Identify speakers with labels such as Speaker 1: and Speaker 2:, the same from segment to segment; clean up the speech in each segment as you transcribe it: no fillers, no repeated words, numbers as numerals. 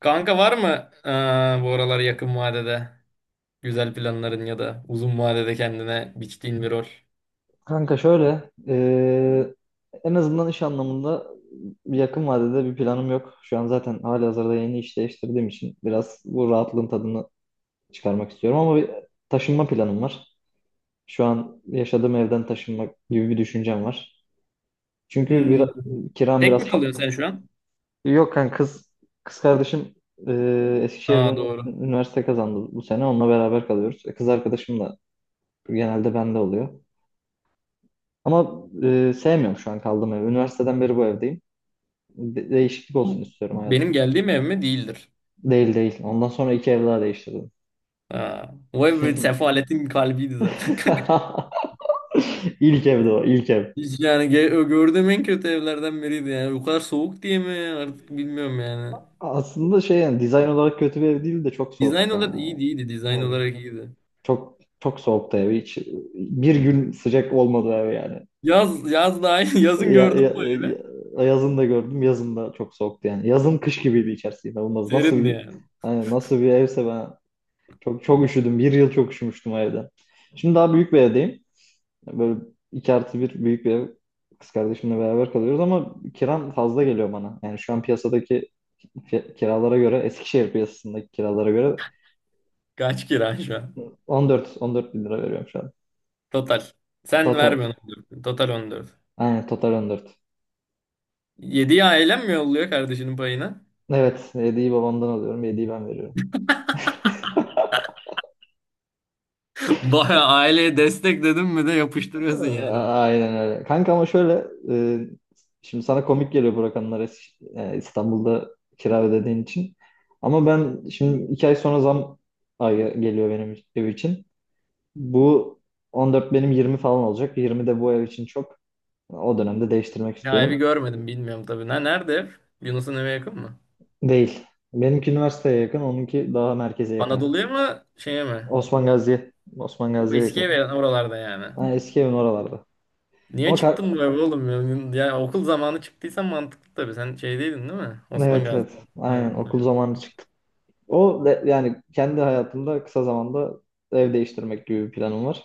Speaker 1: Kanka var mı bu aralar yakın vadede güzel planların ya da uzun vadede kendine biçtiğin bir rol?
Speaker 2: Kanka şöyle, en azından iş anlamında yakın vadede bir planım yok. Şu an zaten halihazırda yeni iş değiştirdiğim için biraz bu rahatlığın tadını çıkarmak istiyorum ama bir taşınma planım var. Şu an yaşadığım evden taşınmak gibi bir düşüncem var. Çünkü
Speaker 1: Hmm.
Speaker 2: biraz, kiram
Speaker 1: Tek mi
Speaker 2: biraz
Speaker 1: kalıyorsun sen şu an?
Speaker 2: Yok kanka kız kardeşim Eskişehir'de
Speaker 1: Aa doğru.
Speaker 2: üniversite kazandı bu sene. Onunla beraber kalıyoruz. E, Kız arkadaşım da genelde bende oluyor. Ama sevmiyorum şu an kaldığım evi. Üniversiteden beri bu evdeyim. Değişiklik
Speaker 1: Bu
Speaker 2: olsun istiyorum
Speaker 1: Benim
Speaker 2: hayatım.
Speaker 1: geldiğim ev mi? Değildir.
Speaker 2: Değil değil. Ondan sonra iki ev daha değiştirdim.
Speaker 1: Aa, o ev bir sefaletin kalbiydi zaten.
Speaker 2: İlk evdi o, ilk ev.
Speaker 1: Hiç yani gördüğüm en kötü evlerden biriydi yani. O kadar soğuk diye mi artık bilmiyorum yani.
Speaker 2: Aslında şey yani dizayn olarak kötü bir ev değil de çok soğuk.
Speaker 1: Dizayn olarak iyiydi iyiydi. Dizayn
Speaker 2: Yani
Speaker 1: olarak iyiydi.
Speaker 2: çok çok soğuktu ev. Hiç bir gün sıcak olmadı ev yani.
Speaker 1: Yaz da aynı
Speaker 2: Ya,
Speaker 1: yazın gördün mü o evi?
Speaker 2: yazın da gördüm, yazın da çok soğuktu yani. Yazın kış gibiydi içerisi inanılmaz. Nasıl
Speaker 1: Serindi
Speaker 2: bir,
Speaker 1: yani.
Speaker 2: hani nasıl bir evse ben çok çok üşüdüm. Bir yıl çok üşümüştüm o evde. Şimdi daha büyük bir evdeyim. Böyle 2+1 büyük bir ev, kız kardeşimle beraber kalıyoruz ama kiram fazla geliyor bana. Yani şu an piyasadaki kiralara göre, Eskişehir piyasasındaki kiralara göre
Speaker 1: Kaç kira şu an?
Speaker 2: 14 bin lira veriyorum şu an.
Speaker 1: Total. Sen
Speaker 2: Total.
Speaker 1: vermiyorsun 14. Total 14.
Speaker 2: Aynen total 14.
Speaker 1: 7'yi ailen mi yolluyor kardeşinin payına?
Speaker 2: Evet, hediyeyi babamdan alıyorum, hediyeyi ben veriyorum.
Speaker 1: Baya aileye destek dedim mi de yapıştırıyorsun
Speaker 2: A-
Speaker 1: yani o zaman.
Speaker 2: Aynen öyle. Kanka ama şöyle, e, şimdi sana komik geliyor bu rakamlar, İstanbul'da kira ödediğin için. Ama ben şimdi iki ay sonra zam ayı geliyor benim ev için. Bu 14 benim 20 falan olacak. 20 de bu ev için çok. O dönemde değiştirmek
Speaker 1: Ya
Speaker 2: istiyorum.
Speaker 1: evi görmedim bilmiyorum tabii. Ne, nerede ev? Yunus'un eve yakın mı?
Speaker 2: Değil. Benimki üniversiteye yakın, onunki daha merkeze yakın.
Speaker 1: Anadolu'ya mı şeye mi?
Speaker 2: Osman Gazi'ye. Osman
Speaker 1: O
Speaker 2: Gazi'ye
Speaker 1: eski
Speaker 2: yakın.
Speaker 1: ev oralarda yani.
Speaker 2: Ha, eski evin oralarda.
Speaker 1: Niye
Speaker 2: Ama kar-
Speaker 1: çıktın bu eve oğlum? Ya okul zamanı çıktıysan mantıklı tabii. Sen şeydeydin değil mi? Osman
Speaker 2: evet,
Speaker 1: Gazi.
Speaker 2: evet.
Speaker 1: Aynen,
Speaker 2: Aynen okul
Speaker 1: aynen.
Speaker 2: zamanı çıktı. Yani kendi hayatımda kısa zamanda ev değiştirmek gibi bir planım var.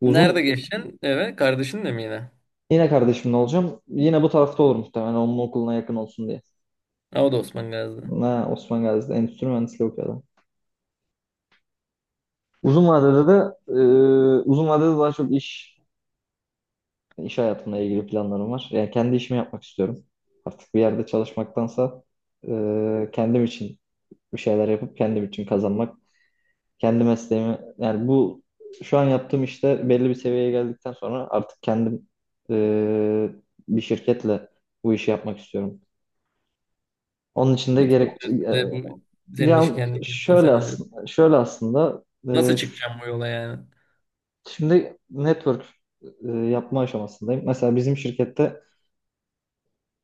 Speaker 2: Uzun
Speaker 1: Nerede geçeceksin eve? Kardeşinle mi yine?
Speaker 2: Yine kardeşimle olacağım. Yine bu tarafta olur muhtemelen, onun okuluna yakın olsun diye.
Speaker 1: Ha, o da Osman Gazi'de.
Speaker 2: Ha, Osman Gazi'de endüstri mühendisliği okuyor. Uzun vadede de, e, uzun vadede daha çok iş hayatımla ilgili planlarım var. Yani kendi işimi yapmak istiyorum. Artık bir yerde çalışmaktansa kendim için bir şeyler yapıp kendim için kazanmak, kendi mesleğimi, yani bu şu an yaptığım işte belli bir seviyeye geldikten sonra artık kendim e, bir şirketle bu işi yapmak istiyorum. Onun için de
Speaker 1: Nasıl
Speaker 2: gerek
Speaker 1: oluyor size bu senin işi
Speaker 2: ya
Speaker 1: kendin yaptığın senaryo?
Speaker 2: şöyle aslında.
Speaker 1: Nasıl çıkacağım bu yola yani?
Speaker 2: Şimdi network yapma aşamasındayım. Mesela bizim şirkette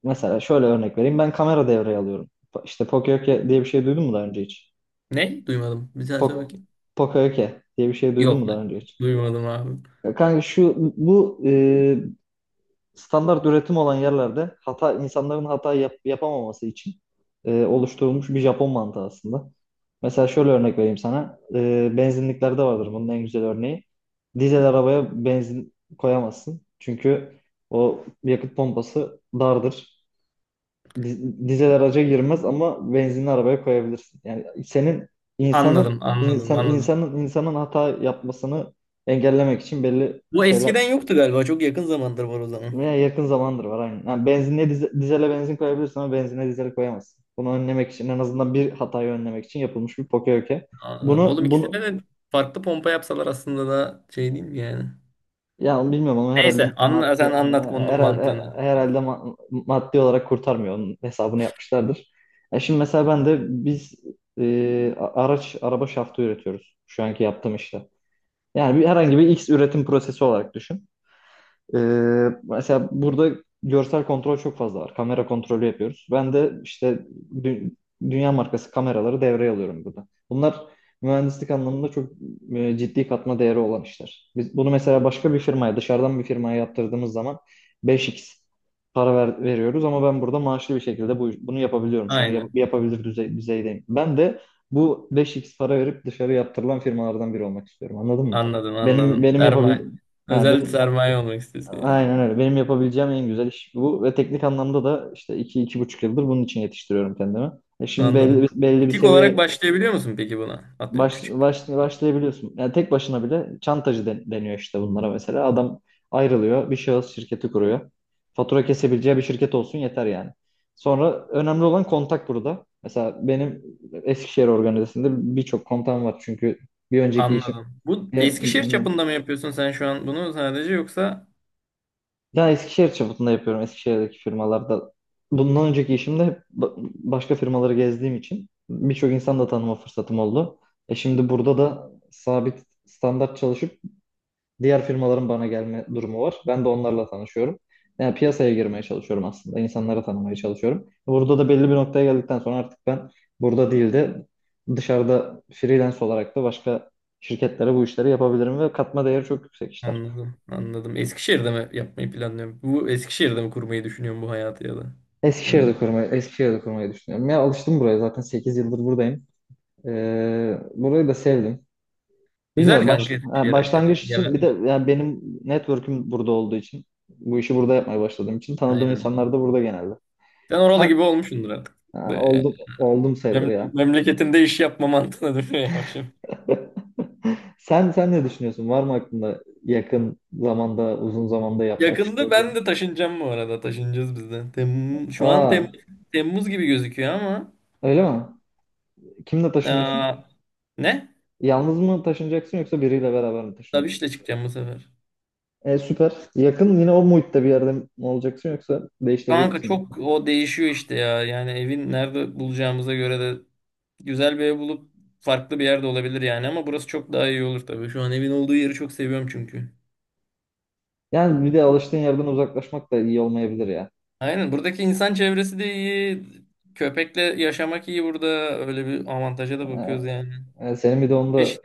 Speaker 2: Mesela şöyle örnek vereyim. Ben kamera devreye alıyorum. İşte Pocoyoke diye bir şey duydun mu daha önce hiç?
Speaker 1: Ne? Duymadım. Bir daha söyle
Speaker 2: Pok
Speaker 1: bakayım.
Speaker 2: Pocoyoke diye bir şey duydun mu
Speaker 1: Yok.
Speaker 2: daha önce hiç?
Speaker 1: Duymadım abi.
Speaker 2: Ya kanka, standart üretim olan yerlerde hata, insanların hata yapamaması için oluşturulmuş bir Japon mantığı aslında. Mesela şöyle örnek vereyim sana. E, benzinliklerde vardır bunun en güzel örneği. Dizel arabaya benzin koyamazsın. Çünkü o yakıt pompası dardır. Dizel araca girmez ama benzinli arabaya koyabilirsin. Yani senin, insanın
Speaker 1: Anladım, anladım,
Speaker 2: insan,
Speaker 1: anladım.
Speaker 2: insanın hata yapmasını engellemek için belli
Speaker 1: Bu
Speaker 2: şeyler,
Speaker 1: eskiden yoktu galiba. Çok yakın zamandır var o zaman.
Speaker 2: veya yakın zamandır var aynen. Yani benzinliğe dizele benzin koyabilirsin ama benzinliğe dizel koyamazsın. Bunu önlemek için, en azından bir hatayı önlemek için yapılmış bir poke.
Speaker 1: Anladım.
Speaker 2: Bunu
Speaker 1: Oğlum
Speaker 2: bunu
Speaker 1: ikisine de farklı pompa yapsalar aslında da şey değil mi yani?
Speaker 2: ya bilmiyorum ama
Speaker 1: Neyse sen anlat konunun
Speaker 2: herhalde
Speaker 1: mantığını.
Speaker 2: maddi olarak kurtarmıyor. Onun hesabını yapmışlardır. Ya şimdi mesela ben de biz a- araç araba şaftı üretiyoruz şu anki yaptığım işte. Yani bir, herhangi bir X üretim prosesi olarak düşün. Ee, mesela burada görsel kontrol çok fazla var. Kamera kontrolü yapıyoruz. Ben de işte dü- dünya markası kameraları devreye alıyorum burada. Bunlar mühendislik anlamında çok ciddi katma değeri olan işler. Biz bunu mesela başka bir firmaya, dışarıdan bir firmaya yaptırdığımız zaman 5x para veriyoruz ama ben burada maaşlı bir şekilde bunu yapabiliyorum. Şu an
Speaker 1: Aynen.
Speaker 2: yapabilir düzeydeyim. Ben de bu 5x para verip dışarı yaptırılan firmalardan biri olmak istiyorum. Anladın mı?
Speaker 1: Anladım
Speaker 2: Benim
Speaker 1: anladım.
Speaker 2: benim yapabil
Speaker 1: Sermaye.
Speaker 2: Ha,
Speaker 1: Özellikle
Speaker 2: benim,
Speaker 1: sermaye olmak istiyorsun yani.
Speaker 2: Aynen öyle. Benim yapabileceğim en güzel iş bu ve teknik anlamda da işte 2, 2,5 yıldır bunun için yetiştiriyorum kendimi. E şimdi
Speaker 1: Anladım.
Speaker 2: belli bir
Speaker 1: Butik olarak
Speaker 2: seviyeye
Speaker 1: başlayabiliyor musun peki buna? Atıyorum küçük.
Speaker 2: başlayabiliyorsun. Yani tek başına bile çantacı deniyor işte bunlara mesela. Adam ayrılıyor, bir şahıs şirketi kuruyor. Fatura kesebileceği bir şirket olsun yeter yani. Sonra önemli olan kontak burada. Mesela benim Eskişehir organizasında birçok kontam var çünkü bir önceki işim,
Speaker 1: Anladım. Bu Eskişehir çapında mı yapıyorsun sen şu an bunu sadece yoksa?
Speaker 2: ya Eskişehir çapında yapıyorum. Eskişehir'deki firmalarda. Bundan önceki işimde hep başka firmaları gezdiğim için birçok insan da tanıma fırsatım oldu. E şimdi burada da sabit, standart çalışıp diğer firmaların bana gelme durumu var. Ben de onlarla tanışıyorum. Yani piyasaya girmeye çalışıyorum aslında. İnsanları tanımaya çalışıyorum. Burada da belli bir noktaya geldikten sonra artık ben burada değil de dışarıda freelance olarak da başka şirketlere bu işleri yapabilirim ve katma değeri çok yüksek işler.
Speaker 1: Anladım anladım. Eskişehir'de mi yapmayı planlıyorum? Bu Eskişehir'de mi kurmayı düşünüyorum bu hayatı ya da? Evet.
Speaker 2: Eskişehir'de kurmayı düşünüyorum. Ya alıştım buraya, zaten 8 yıldır buradayım. Burayı da sevdim.
Speaker 1: Güzel
Speaker 2: Bilmiyorum
Speaker 1: kanka Eskişehir
Speaker 2: başlangıç
Speaker 1: hakikaten.
Speaker 2: için,
Speaker 1: Genel.
Speaker 2: bir de yani benim network'üm burada olduğu için, bu işi burada yapmaya başladığım için tanıdığım
Speaker 1: Aynen.
Speaker 2: insanlar da burada genelde.
Speaker 1: Sen oralı
Speaker 2: Sen
Speaker 1: gibi olmuşsundur artık.
Speaker 2: ha,
Speaker 1: Böyle yani.
Speaker 2: oldum sayılır ya.
Speaker 1: Memleketinde iş yapma mantığına dönüyor yavaş.
Speaker 2: Sen ne düşünüyorsun? Var mı aklında yakın zamanda, uzun zamanda yapmak
Speaker 1: Yakında
Speaker 2: istediğin?
Speaker 1: ben de taşınacağım bu arada. Taşınacağız biz de. Şu an
Speaker 2: Aa,
Speaker 1: Temmuz gibi gözüküyor ama.
Speaker 2: öyle mi? Kimle taşınıyorsun?
Speaker 1: Aa, ne?
Speaker 2: Yalnız mı taşınacaksın yoksa biriyle beraber mi
Speaker 1: Tabii
Speaker 2: taşınıyorsun?
Speaker 1: işte çıkacağım bu sefer.
Speaker 2: E, süper. Yakın, yine o muhitte bir yerde mi olacaksın yoksa değiştirecek
Speaker 1: Kanka
Speaker 2: misin?
Speaker 1: çok o değişiyor işte ya. Yani evin nerede bulacağımıza göre de güzel bir ev bulup farklı bir yerde olabilir yani. Ama burası çok daha iyi olur tabii. Şu an evin olduğu yeri çok seviyorum çünkü.
Speaker 2: Yani bir de alıştığın yerden uzaklaşmak da iyi olmayabilir ya.
Speaker 1: Aynen buradaki insan çevresi de iyi. Köpekle yaşamak iyi burada. Öyle bir avantaja da bakıyoruz yani.
Speaker 2: Senin bir de onu da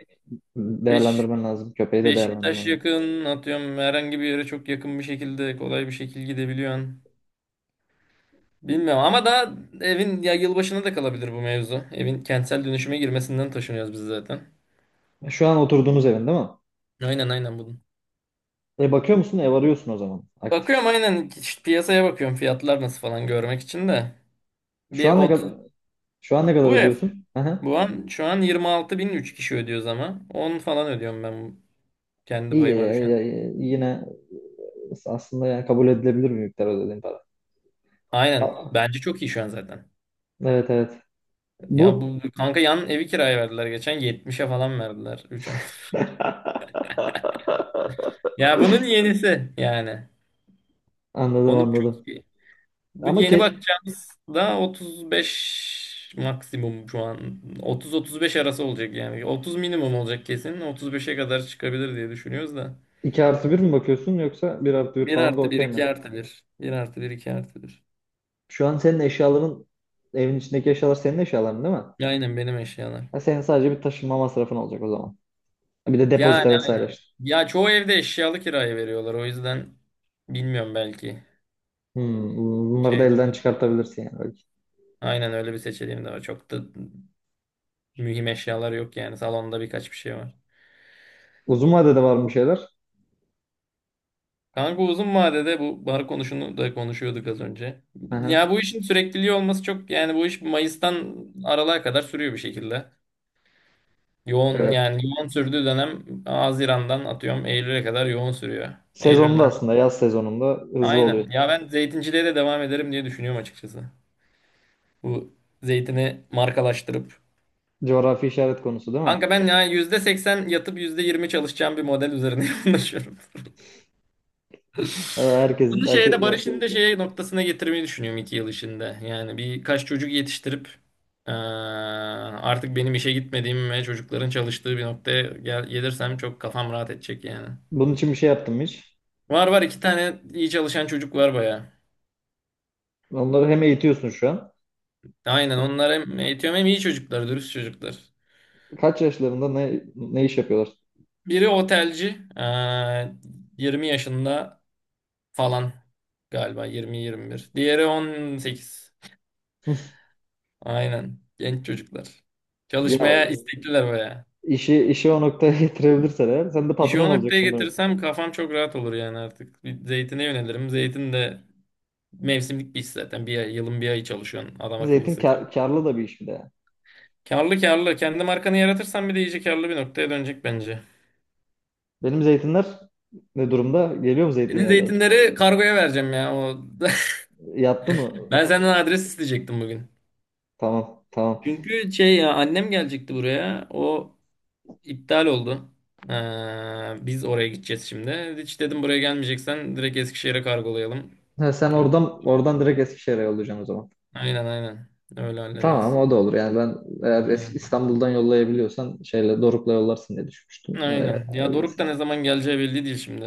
Speaker 1: 5
Speaker 2: değerlendirmen lazım. Köpeği de
Speaker 1: Beşiktaş
Speaker 2: değerlendirmen lazım.
Speaker 1: yakın atıyorum herhangi bir yere çok yakın bir şekilde kolay bir şekilde gidebiliyorsun. Bilmiyorum ama daha evin ya yılbaşına da kalabilir bu mevzu. Evin kentsel dönüşüme girmesinden taşınıyoruz biz zaten.
Speaker 2: Şu an oturduğunuz evin değil mi?
Speaker 1: Aynen aynen bunun.
Speaker 2: E, bakıyor musun? Ev arıyorsun o zaman. Aktif.
Speaker 1: Bakıyorum aynen işte piyasaya bakıyorum fiyatlar nasıl falan görmek için de.
Speaker 2: Şu
Speaker 1: Bir
Speaker 2: an ne
Speaker 1: 30.
Speaker 2: kadar şu an ne
Speaker 1: bu
Speaker 2: kadar
Speaker 1: bu ev
Speaker 2: ödüyorsun? Aha.
Speaker 1: bu an şu an 26 bin, 3 kişi ödüyoruz ama 10 falan ödüyorum ben, kendi
Speaker 2: İyi,
Speaker 1: payıma düşen.
Speaker 2: yine aslında yani kabul edilebilir bir miktar ödediğin para.
Speaker 1: Aynen.
Speaker 2: Aa,
Speaker 1: Bence çok iyi şu an zaten.
Speaker 2: evet, evet.
Speaker 1: Ya
Speaker 2: Bu
Speaker 1: bu kanka, yan evi kiraya verdiler geçen, 70'e falan verdiler 3. Ya bunun yenisi yani.
Speaker 2: anladım,
Speaker 1: Konum
Speaker 2: anladım.
Speaker 1: çok iyi. Bu
Speaker 2: Ama
Speaker 1: yeni
Speaker 2: ke-
Speaker 1: bakacağımız da 35 maksimum şu an. 30-35 arası olacak yani. 30 minimum olacak kesin. 35'e kadar çıkabilir diye düşünüyoruz da.
Speaker 2: 2 artı bir mi bakıyorsun yoksa bir artı 1
Speaker 1: Bir
Speaker 2: falan da
Speaker 1: artı bir
Speaker 2: okey mi?
Speaker 1: 2 artı Bir 1 artı bir, iki artı 1.
Speaker 2: Şu an senin eşyaların, evin içindeki eşyalar senin eşyaların değil mi?
Speaker 1: Ya aynen benim eşyalar.
Speaker 2: Ha, senin sadece bir taşınma masrafın olacak o zaman. Bir de
Speaker 1: Yani
Speaker 2: depozito vesaire
Speaker 1: aynen.
Speaker 2: işte.
Speaker 1: Ya çoğu evde eşyalı kiraya veriyorlar. O yüzden bilmiyorum belki.
Speaker 2: Hmm, bunları da
Speaker 1: Şey de
Speaker 2: elden
Speaker 1: olur.
Speaker 2: çıkartabilirsin yani belki.
Speaker 1: Aynen öyle bir seçeneğim de var. Çok da mühim eşyalar yok yani. Salonda birkaç bir şey var.
Speaker 2: Uzun vadede var mı şeyler?
Speaker 1: Kanka uzun vadede bu bar konusunu da konuşuyorduk az önce.
Speaker 2: Hı
Speaker 1: Ya
Speaker 2: hı,
Speaker 1: bu işin sürekliliği olması çok yani bu iş Mayıs'tan Aralık'a kadar sürüyor bir şekilde. Yoğun
Speaker 2: evet.
Speaker 1: yani yoğun sürdüğü dönem Haziran'dan atıyorum Eylül'e kadar yoğun sürüyor.
Speaker 2: Sezonda,
Speaker 1: Eylül'den.
Speaker 2: aslında yaz sezonunda hızlı oluyor.
Speaker 1: Aynen. Ya ben zeytinciliğe de devam ederim diye düşünüyorum açıkçası. Bu zeytini markalaştırıp.
Speaker 2: Coğrafi işaret konusu değil mi?
Speaker 1: Kanka ben ya %80 yatıp %20 çalışacağım bir model üzerine konuşuyorum.
Speaker 2: Evet,
Speaker 1: Bunu şeyde Barış'ın
Speaker 2: herkes.
Speaker 1: da şey noktasına getirmeyi düşünüyorum 2 yıl içinde. Yani birkaç çocuk yetiştirip eee, artık benim işe gitmediğim ve çocukların çalıştığı bir noktaya gelirsem çok kafam rahat edecek yani.
Speaker 2: Bunun için bir şey yaptım hiç.
Speaker 1: Var iki tane iyi çalışan çocuk var baya.
Speaker 2: Onları hem eğitiyorsun şu an.
Speaker 1: Aynen onlar hem eğitiyorum hem iyi çocuklar, dürüst çocuklar.
Speaker 2: Kaç yaşlarında, ne iş yapıyorlar?
Speaker 1: Biri otelci, 20 yaşında falan galiba 20-21. Diğeri 18. Aynen. Genç çocuklar.
Speaker 2: Ya
Speaker 1: Çalışmaya istekliler baya.
Speaker 2: İşi, işi o noktaya getirebilirsen eğer, sen de
Speaker 1: İşi
Speaker 2: patron
Speaker 1: o noktaya
Speaker 2: olacaksın böyle.
Speaker 1: getirsem kafam çok rahat olur yani artık. Bir zeytine yönelirim. Zeytin de mevsimlik bir iş zaten. Bir ay, yılın bir ayı çalışıyorsun. Adam akıllı
Speaker 2: Zeytin
Speaker 1: sıkıyor.
Speaker 2: karlı da bir iş bir de, yani.
Speaker 1: Karlı karlı. Kendi markanı yaratırsan bir de iyice karlı bir noktaya dönecek bence.
Speaker 2: Benim zeytinler ne durumda? Geliyor mu
Speaker 1: Senin
Speaker 2: zeytinyağları?
Speaker 1: zeytinleri kargoya vereceğim ya.
Speaker 2: Yattı mı?
Speaker 1: Ben senden adres isteyecektim bugün.
Speaker 2: Tamam, tamam.
Speaker 1: Çünkü şey ya annem gelecekti buraya. O İptal oldu. Biz oraya gideceğiz şimdi. Hiç dedim buraya gelmeyeceksen direkt Eskişehir'e kargolayalım.
Speaker 2: Ha, sen oradan oradan direkt Eskişehir'e yollayacaksın o zaman.
Speaker 1: Aynen aynen. Öyle
Speaker 2: Tamam,
Speaker 1: hallederiz.
Speaker 2: o da olur. Yani ben, eğer
Speaker 1: Aynen.
Speaker 2: İstanbul'dan yollayabiliyorsan, şeyle Doruk'la yollarsın diye düşünmüştüm.
Speaker 1: Aynen. Ya Doruk da ne zaman geleceği belli değil şimdi.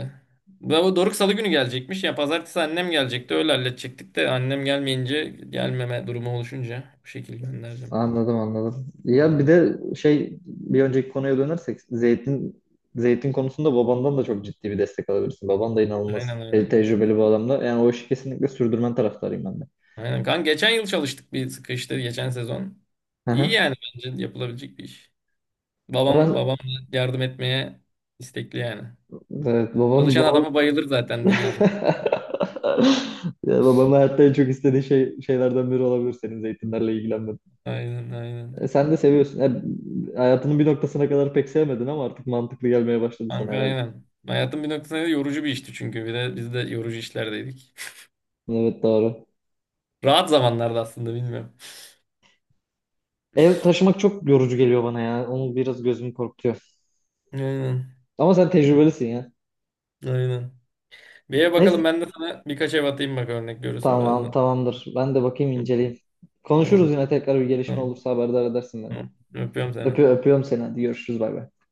Speaker 1: Ya bu Doruk Salı günü gelecekmiş. Ya Pazartesi annem gelecekti. Öyle halledecektik de annem gelmeyince, gelmeme durumu oluşunca bu şekilde göndereceğim.
Speaker 2: Anladım, anladım. Ya bir
Speaker 1: Hı.
Speaker 2: de şey, bir önceki konuya dönersek zeytin konusunda babandan da çok ciddi bir destek alabilirsin. Baban da inanılmaz
Speaker 1: Aynen aynen. Aynen.
Speaker 2: tecrübeli bir adamda. Yani o işi kesinlikle sürdürmen taraftarıyım ben de.
Speaker 1: Aynen. Kanka geçen yıl çalıştık bir sıkı işte geçen sezon.
Speaker 2: Hı
Speaker 1: İyi
Speaker 2: hı.
Speaker 1: yani bence yapılabilecek bir iş.
Speaker 2: Ya
Speaker 1: Babam
Speaker 2: ben
Speaker 1: babam yardım etmeye istekli yani.
Speaker 2: evet babam,
Speaker 1: Çalışan adama bayılır zaten biliyorsun.
Speaker 2: ya babam hayatta en çok istediği şey, biri olabilir, senin zeytinlerle ilgilenmen.
Speaker 1: Aynen aynen.
Speaker 2: E, sen de seviyorsun. E, hayatının bir noktasına kadar pek sevmedin ama artık mantıklı gelmeye başladı sana
Speaker 1: Kanka
Speaker 2: herhalde.
Speaker 1: aynen. Hayatın bir noktasında yorucu bir işti çünkü. Bir de biz de yorucu işlerdeydik.
Speaker 2: Evet, doğru.
Speaker 1: Rahat zamanlarda aslında bilmiyorum.
Speaker 2: Ev taşımak çok yorucu geliyor bana ya. Onu biraz gözüm korkutuyor.
Speaker 1: Aynen.
Speaker 2: Ama sen tecrübelisin ya.
Speaker 1: Aynen. Bir ev bakalım
Speaker 2: Neyse.
Speaker 1: ben de sana birkaç ev atayım bak örnek görürsün
Speaker 2: Tamam,
Speaker 1: birazdan.
Speaker 2: tamamdır. Ben de bakayım,
Speaker 1: Hı,
Speaker 2: inceleyeyim. Konuşuruz
Speaker 1: Tamam.
Speaker 2: yine, tekrar bir gelişme
Speaker 1: Tamam.
Speaker 2: olursa haberdar edersin beni.
Speaker 1: Tamam. Öpüyorum seni.
Speaker 2: Öpüyorum seni. Hadi, görüşürüz. Bay bay.